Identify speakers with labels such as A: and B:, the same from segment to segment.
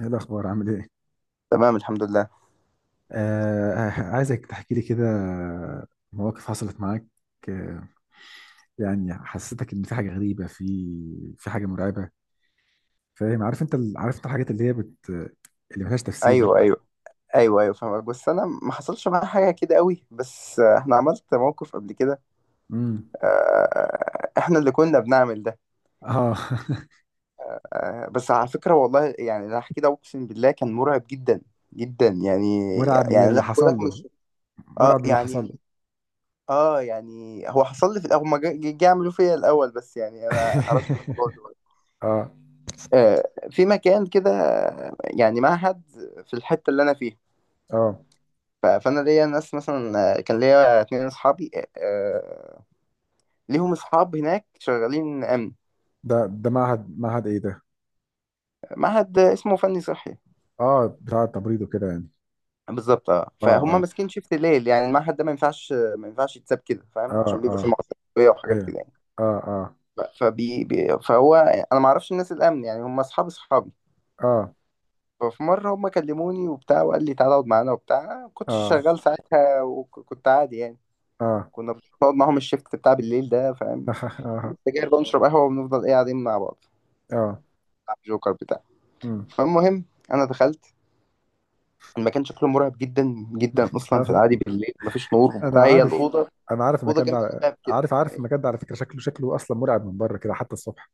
A: ايه الاخبار؟ عامل ايه؟
B: تمام الحمد لله.
A: آه، عايزك تحكي لي كده مواقف حصلت معاك. آه. يعني حسيتك ان في حاجه غريبه، في حاجه مرعبه. فاهم؟ عارف انت الحاجات اللي هي بت اللي ملهاش تفسير دي
B: ايوه ايوه
A: بتحصل.
B: ايوه ايوه فاهمك، بس انا ما حصلش معايا حاجه كده قوي، بس احنا عملت موقف قبل كده.
A: امم.
B: احنا اللي كنا بنعمل ده.
A: اه.
B: بس على فكره والله، يعني اللي هحكي ده اقسم بالله كان مرعب جدا جدا يعني.
A: مرعب
B: يعني
A: للي
B: لا بقول
A: حصل
B: لك،
A: له.
B: مش اه
A: مرعب للي حصل له.
B: يعني. اه يعني هو حصل لي في الاول ما جا يعملوا فيا الاول، بس يعني انا عرفت الموضوع دلوقتي.
A: اه،
B: في مكان كده، يعني معهد في الحته اللي انا فيها.
A: اه.
B: فانا ليا ناس مثلا، كان ليا اتنين اصحابي، آه، ليهم اصحاب هناك شغالين امن.
A: ده معهد ايه ده؟
B: معهد اسمه فني صحي.
A: اه، بتاع التمريض وكده يعني.
B: بالظبط اه،
A: اه،
B: فهم
A: اه.
B: ماسكين شيفت الليل. يعني المعهد ده ما ينفعش، ما ينفعش يتساب كده
A: اه،
B: فاهم، عشان بيبقى فيه
A: اه.
B: مواد تربويه وحاجات
A: ايوه،
B: كده يعني.
A: اه، اه.
B: ف- فبي بي فهو انا ما اعرفش الناس الامن، يعني هم اصحاب اصحابي.
A: اه،
B: ففي مره هم كلموني وبتاع، وقال لي تعالى اقعد معانا وبتاع. أنا ما كنتش
A: اه.
B: شغال ساعتها وكنت عادي يعني.
A: اه.
B: كنا بنقعد معاهم الشيفت بتاع بالليل ده فاهم، سجاير بقى ونشرب قهوة ونفضل ايه قاعدين مع بعض،
A: اه.
B: جوكر بتاع.
A: مم.
B: فالمهم، انا دخلت المكان، شكله مرعب جدا جدا اصلا في العادي، بالليل مفيش نور
A: انا
B: وبتاع، هي
A: عارف هو
B: الاوضه
A: انا عارف
B: اوضه
A: المكان
B: جنب
A: ده،
B: الباب كده
A: عارف
B: يعني.
A: المكان ده على فكره، شكله اصلا مرعب من بره كده حتى الصبح.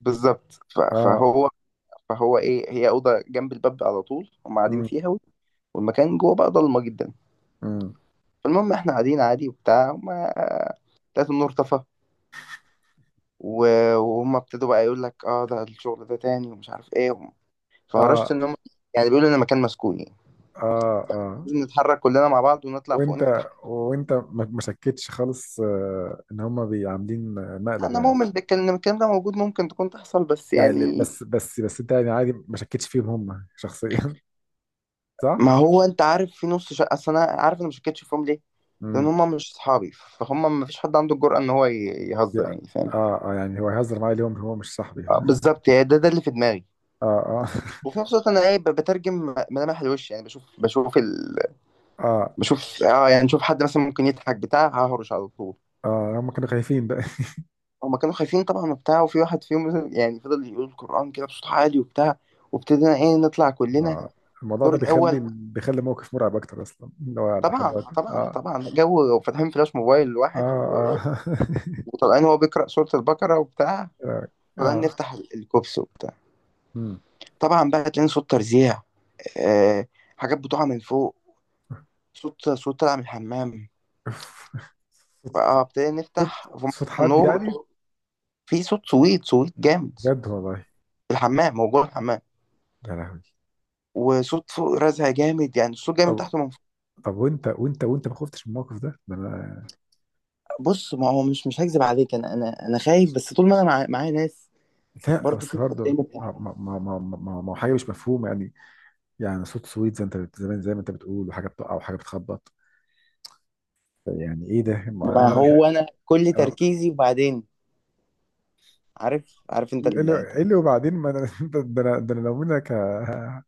B: بالظبط،
A: اه.
B: فهو ايه، هي اوضه جنب الباب على طول هم قاعدين
A: امم.
B: فيها، والمكان جوه بقى ضلمه جدا.
A: امم.
B: فالمهم احنا قاعدين عادي وبتاع، وما لقيت النور طفى، وهم ابتدوا بقى يقول لك اه ده الشغل ده تاني ومش عارف ايه. فهرشت
A: اه.
B: ان هم يعني بيقولوا ان المكان مسكون يعني،
A: اه. اه
B: لازم نتحرك كلنا مع بعض ونطلع فوق
A: وانت
B: نفتح.
A: وانت ما شكتش خالص، ان هم بيعاملين مقلب
B: انا
A: يعني
B: مؤمن بالكلام، إن الكلام ده موجود، ممكن تكون تحصل، بس
A: يعني يعني
B: يعني
A: بس انت يعني عادي ما شكتش فيهم هم شخصيا. صح؟
B: ما هو انت عارف في نص شقه. اصل انا عارف انا ما شكتش فيهم ليه، لان
A: امم.
B: هم مش اصحابي، فهم ما فيش حد عنده الجرأه ان هو يهزر
A: يا
B: يعني فاهم.
A: اه، اه، يعني هو هيهزر معايا اليوم؟ هو مش صاحبي.
B: بالظبط، يعني ده ده اللي في دماغي.
A: اه، اه.
B: وفي نفس الوقت انا ايه، بترجم ملامح الوش يعني، بشوف بشوف
A: اه،
B: بشوف، اه يعني بشوف حد مثلا ممكن يضحك بتاع ههرش على طول.
A: اه، هم كانوا خايفين بقى.
B: هما كانوا خايفين طبعا وبتاع، وفي واحد فيهم يعني فضل يقول القرآن كده بصوت عالي وبتاع، وابتدينا ايه نطلع كلنا
A: آه. الموضوع
B: الدور
A: ده بيخلي
B: الاول.
A: بيخلي موقف مرعب اكتر اصلا اللي هو لحد
B: طبعا
A: دلوقتي،
B: طبعا
A: اه.
B: طبعا، جو فاتحين فلاش موبايل
A: اه،
B: الواحد
A: اه.
B: وطلعان هو بيقرأ سورة البقرة وبتاع،
A: اه.
B: طلعان
A: آه.
B: نفتح الكوبس وبتاع.
A: مم.
B: طبعا بقى تلاقي صوت ترزيع، آه... حاجات بتقع من فوق، صوت صوت طالع من الحمام.
A: أوف. صوت
B: اه ابتدينا
A: صوت
B: نفتح في مفتاح
A: صوت حد
B: النور، قلت
A: يعني.
B: له في صوت سويت سويت جامد
A: بجد والله؟
B: في الحمام، هو جوه الحمام،
A: يا لهوي.
B: وصوت فوق رزع جامد، يعني الصوت جاي من
A: طب
B: تحت ومن فوق.
A: طب وانت ما خفتش من الموقف ده؟ انا...
B: بص، ما هو مش مش هكذب عليك، انا خايف، بس طول ما انا معايا ناس،
A: لا
B: برضه في
A: بس
B: حد
A: برضه
B: تاني بتاع.
A: ما... ما هو حاجه مش مفهومه يعني. يعني صوت سويت زي زمان زي ما انت بتقول، وحاجه بتقع، وحاجه بتخبط. يعني ايه ده؟ ما
B: ما
A: انا...
B: هو انا كل
A: انا...
B: تركيزي، وبعدين عارف عارف انت
A: إيه اللي إيه اللي وبعدين، ما انا ده انا لو منك...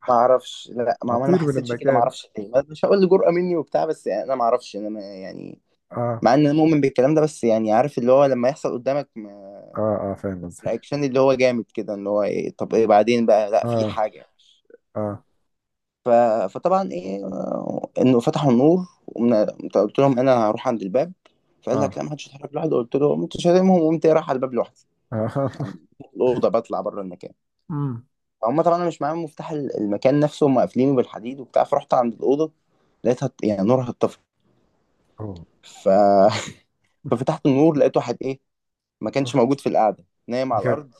B: ما اعرفش، لا انا ما
A: أطير من
B: حسيتش كده، ما
A: المكان.
B: اعرفش ليه، مش هقول جرأة مني وبتاع، بس يعني انا ما اعرفش، انا ما يعني،
A: آه.
B: مع ان انا مؤمن بالكلام ده، بس يعني عارف اللي هو لما يحصل قدامك،
A: آه، آه، فاهم قصدك.
B: رياكشن اللي هو جامد كده، اللي هو ايه طب ايه بعدين بقى، لا في
A: آه،
B: حاجة.
A: آه،
B: ف... فطبعا ايه، انه فتحوا النور قلت لهم انا هروح عند الباب. فقال لك
A: آه،
B: لا ما حدش يتحرك لوحده. قلت له، قمت شاتمهم وقمت إيه، رايح على الباب لوحدي
A: آه.
B: الاوضه، بطلع بره المكان.
A: أمم.
B: فهم طبعا انا مش معاهم مفتاح المكان نفسه، هم قافلينه بالحديد وبتاع. فرحت عند الاوضه، لقيتها يعني نورها اتطفى.
A: أوه.
B: ف... ففتحت النور، لقيت واحد ايه ما كانش موجود
A: أوف.
B: في القعده نايم على
A: بجد.
B: الارض.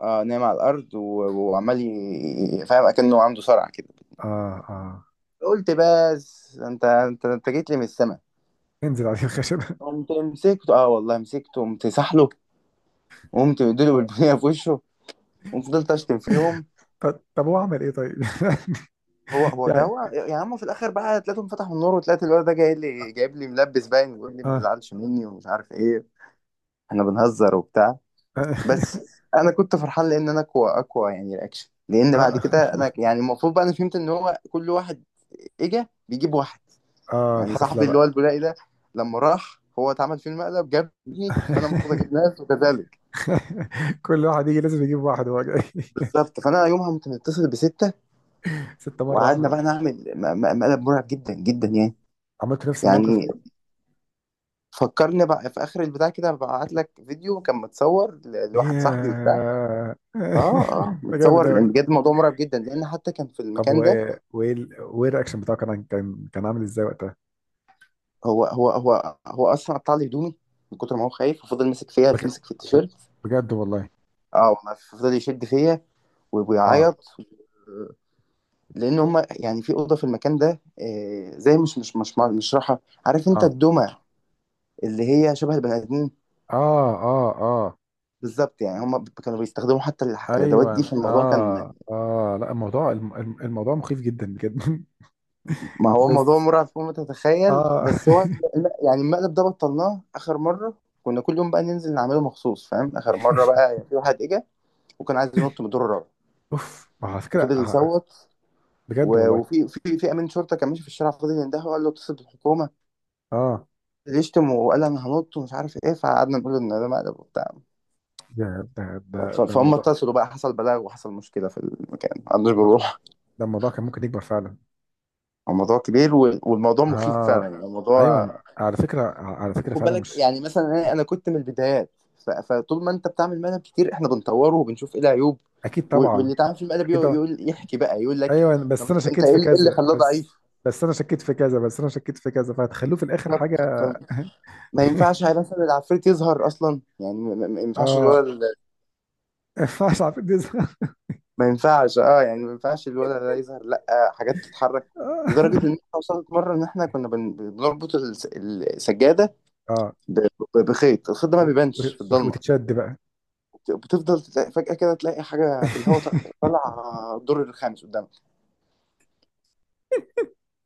B: اه نايم على الارض وعمال فاهم اكنه عنده صرع كده.
A: آه، آه.
B: قلت بس، انت جيت لي من السما.
A: انزل عليه الخشبة.
B: قمت مسكته، اه والله مسكته، قمت سحله وقمت مديله بالبنيه في وشه، وفضلت اشتم فيهم.
A: طب، هو عمل إيه طيب؟
B: هو هو ده
A: يعني.
B: هو يا عم، في الاخر بقى تلاقيهم فتحوا النور، وطلعت الواد ده جاي لي جايب لي ملبس باين، ويقول لي ما
A: آه.
B: تزعلش مني ومش عارف ايه، احنا بنهزر وبتاع.
A: آه،
B: بس انا كنت فرحان، لان انا اقوى اقوى يعني رياكشن، لان بعد
A: آه،
B: كده انا يعني المفروض بقى، انا فهمت ان هو كل واحد اجا بيجيب واحد.
A: آه،
B: يعني
A: الحفلة
B: صاحبي اللي
A: بقى.
B: هو البولائي ده لما راح، هو اتعمل فيه المقلب، جابني، فانا المفروض اجيب ناس وكذلك.
A: كل واحد يجي لازم يجيب واحد وهو جاي.
B: بالظبط، فانا يومها كنت متصل بستة.
A: 6 مرة
B: وقعدنا
A: واحدة.
B: بقى نعمل مقلب مرعب جدا جدا يعني.
A: عملت نفس الموقف
B: يعني
A: فيهم؟
B: فكرني بقى في اخر البتاع كده، ببعت لك فيديو كان متصور لواحد صاحبي وبتاع.
A: ياه.
B: اه اه
A: ده جامد
B: متصور، لان
A: أوي.
B: بجد الموضوع مرعب جدا، لان حتى كان في
A: طب،
B: المكان ده.
A: وإيه الرياكشن بتاعه كان عامل إزاي وقتها؟
B: هو اصلا قطع لي هدومي من كتر ما هو خايف، وفضل ماسك فيها،
A: بج-
B: ماسك في التيشيرت.
A: بجد والله.
B: اه والله فضل يشد فيا
A: اه،
B: وبيعيط، لان هم يعني في اوضه في المكان ده، زي مش راحه. عارف انت
A: اه،
B: الدمى اللي هي شبه البني ادمين.
A: اه، اه، اه.
B: بالظبط، يعني هم كانوا بيستخدموا حتى الادوات دي
A: ايوه،
B: في الموضوع كان.
A: اه، اه، لا، الموضوع الموضوع مخيف جدا بجد.
B: ما هو موضوع
A: بس
B: مرعب فوق ما تتخيل،
A: اه.
B: بس هو يعني المقلب ده بطلناه اخر مره. كنا كل يوم بقى ننزل نعمله مخصوص فاهم. اخر مره بقى يعني في واحد اجى، وكان عايز ينط من الدور الرابع،
A: اوف، ما هو على فكره
B: وفضل
A: آه.
B: يصوت،
A: بجد
B: و-
A: والله.
B: وفي في في امين شرطه كان ماشي في الشارع، فضل يندهه وقال له اتصل بالحكومه
A: اه،
B: اللي يشتم، وقال انا هنط ومش عارف ايه. فقعدنا نقول ان ده مقلب وبتاع.
A: ده ده ده ده
B: فهم
A: الموضوع...
B: اتصلوا بقى، حصل بلاغ وحصل مشكله في المكان، ما عندوش بنروح.
A: ده الموضوع كان ممكن يكبر فعلا.
B: الموضوع كبير، والموضوع مخيف فعلا،
A: اه،
B: يعني الموضوع،
A: ايوه، على فكره
B: خد
A: فعلا
B: بالك.
A: مش...
B: يعني مثلا أنا كنت من البدايات. فطول ما انت بتعمل مقلب كتير، احنا بنطوره وبنشوف ايه العيوب،
A: اكيد طبعا.
B: واللي تعمل في المقلب
A: اكيد
B: يقول
A: طبعا.
B: يحكي بقى، يقول لك
A: ايوه بس
B: طب
A: انا
B: انت
A: شكيت
B: ايه
A: في
B: اللي إيه اللي
A: كذا
B: خلاه
A: بس. بس انا شكيت في كذا بس انا شكيت في كذا فهتخلوه في الاخر
B: ضعيف.
A: حاجه.
B: ما ينفعش هي مثلا العفريت يظهر اصلا، يعني ما ينفعش
A: اه.
B: الولد
A: ما ينفعش على فكرة دي-
B: ما ينفعش اه يعني، ما ينفعش الولد ده يظهر لا، حاجات تتحرك. لدرجه ان احنا وصلت مره، ان احنا كنا بنربط السجاده
A: اه.
B: ب- بخيط، الخيط ده ما
A: و-
B: بيبانش في
A: و-
B: الضلمه.
A: وتتشد بقى.
B: بتفضل تلاقي فجاه كده، تلاقي حاجه في الهواء طالعه طالعة الدور الخامس قدامك.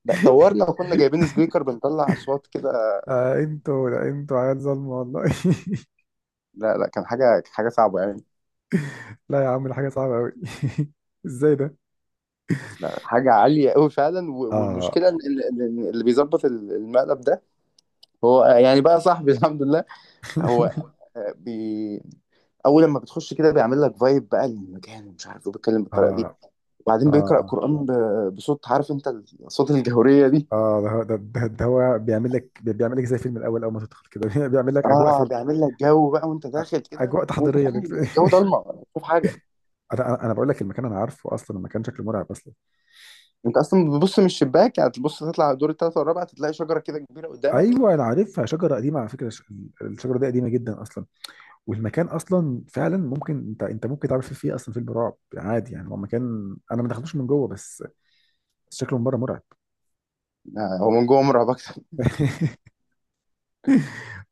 B: لا طورنا، وكنا جايبين سبيكر بنطلع اصوات كده.
A: لا انتوا عيال ظلمة والله.
B: لا لا، كان حاجه حاجه صعبه يعني.
A: لا يا عم، دي حاجة صعبة أوي. ازاي ده؟
B: لا حاجه عاليه قوي فعلا.
A: اه.
B: والمشكله ان إن اللي بيظبط المقلب ده، هو يعني بقى صاحبي الحمد لله. هو بي، اول لما بتخش كده بيعمل لك فايب بقى للمكان، ومش عارف ايه، بيتكلم
A: اه،
B: بالطريقه دي، وبعدين
A: اه،
B: بيقرا
A: اه،
B: قران بصوت عارف انت الصوت الجهوريه دي.
A: اه، ده هو بيعمل لك زي فيلم الأول، أول ما تدخل كده. بيعمل لك أجواء
B: اه
A: فيلم.
B: بيعمل لك جو بقى، وانت داخل كده
A: أجواء
B: وانت
A: تحضيرية
B: فعلا
A: للفيلم.
B: الجو ضلمه مش شايف حاجه.
A: أنا بقول لك المكان، أنا عارفه أصلا، المكان شكله مرعب أصلا.
B: انت اصلا بتبص من الشباك، يعني تبص تطلع على الدور الثالث والرابع، تلاقي شجره كده كبيره قدامك.
A: أيوه أنا عارفها، شجرة قديمة على فكرة، الش- الشجرة دي قديمة جدا أصلا. والمكان اصلا فعلا ممكن انت ممكن تعمل فيه اصلا فيلم رعب عادي، يعني هو مكان انا ما دخلتوش من جوه بس. بس شكله من بره مرعب.
B: هو من جوه مرعب اكتر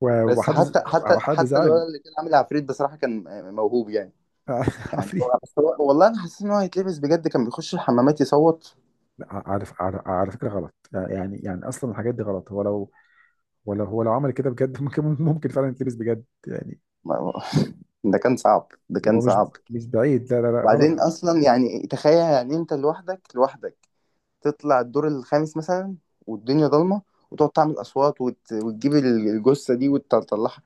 B: بس
A: وحد وحد
B: حتى
A: زعل؟
B: الولد اللي كان عامل عفريت، بصراحه كان موهوب يعني.
A: عفريت.
B: بس والله انا حسيت ان هو هيتلبس بجد، كان بيخش الحمامات يصوت.
A: لا، عارف، على فكره غلط. يعني اصلا الحاجات دي غلط، هو لو... ولا هو لو عمل كده بجد ممكن فعلا يتلبس بجد يعني.
B: ما- ده كان صعب، ده كان
A: هو مش...
B: صعب.
A: مش بعيد، لا، لا، لا،
B: وبعدين
A: غلط.
B: اصلا يعني تخيل، يعني انت لوحدك لوحدك تطلع الدور الخامس مثلا والدنيا ضلمه، وتقعد تعمل اصوات، وتجيب الجثه دي وتطلعها.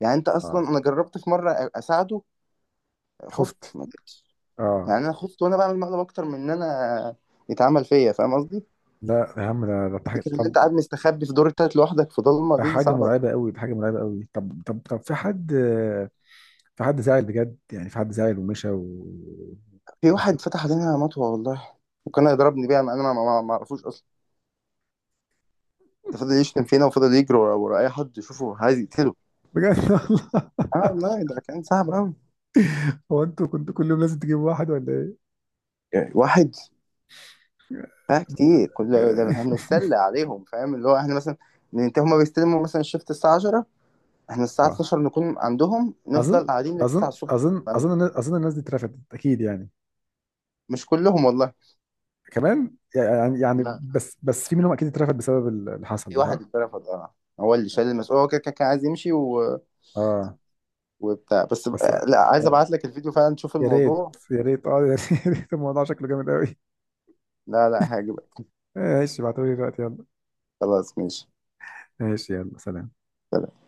B: يعني انت
A: آه.
B: اصلا، انا جربت في مره اساعده، خفت
A: خفت.
B: ما جبتش. يعني
A: اه.
B: انا خفت وانا بعمل مقلب اكتر من ان انا يتعمل فيا، فاهم قصدي؟
A: لا يا عم، ده حاجه.
B: فكره ان انت
A: طب...
B: قاعد مستخبي في دور التالت لوحدك في ضلمه،
A: ده
B: دي
A: حاجه
B: صعبه.
A: مرعبه قوي، ده حاجه مرعبه قوي. طب، في حد... في حد زعل بجد يعني، في حد زعل ومشى و...
B: في واحد فتح علينا مطوة والله، وكان هيضربني بيها، انا ما ما ما اعرفوش اصلا. ده فضل يشتم فينا، وفضل يجري ورا ورا اي حد يشوفه عايز يقتله.
A: بجد والله.
B: اه والله ده كان صعب قوي.
A: هو انتوا كنتوا كل يوم لازم تجيبوا واحد ولا ايه؟
B: يعني واحد بقى كتير كل، ده احنا بنتسلى عليهم فاهم. اللي هو احنا مثلا ننتهي، هما بيستلموا مثلا الشفت الساعة 10، احنا الساعة
A: آه.
B: 12 نكون عندهم،
A: اظن
B: نفضل قاعدين لل 9 الصبح.
A: اظن الناس دي اترفدت اكيد يعني.
B: مش كلهم والله
A: كمان، يعني
B: لا،
A: بس في منهم اكيد اترفد بسبب اللي حصل
B: في
A: ده،
B: واحد
A: صح؟
B: اترفض اه. هو اللي شال المسؤولية، هو كده كده كان عايز يمشي
A: اه.
B: وبتاع،
A: بس يا
B: لا عايز ابعت لك الفيديو فعلا تشوف
A: ريت،
B: الموضوع،
A: يا ريت، اه، يا ريت. الموضوع شكله جامد قوي.
B: لا لا هيعجبك.
A: ماشي، ابعتولي دلوقتي، يلا.
B: خلاص ماشي.
A: ماشي، يلا، سلام.
B: سلام.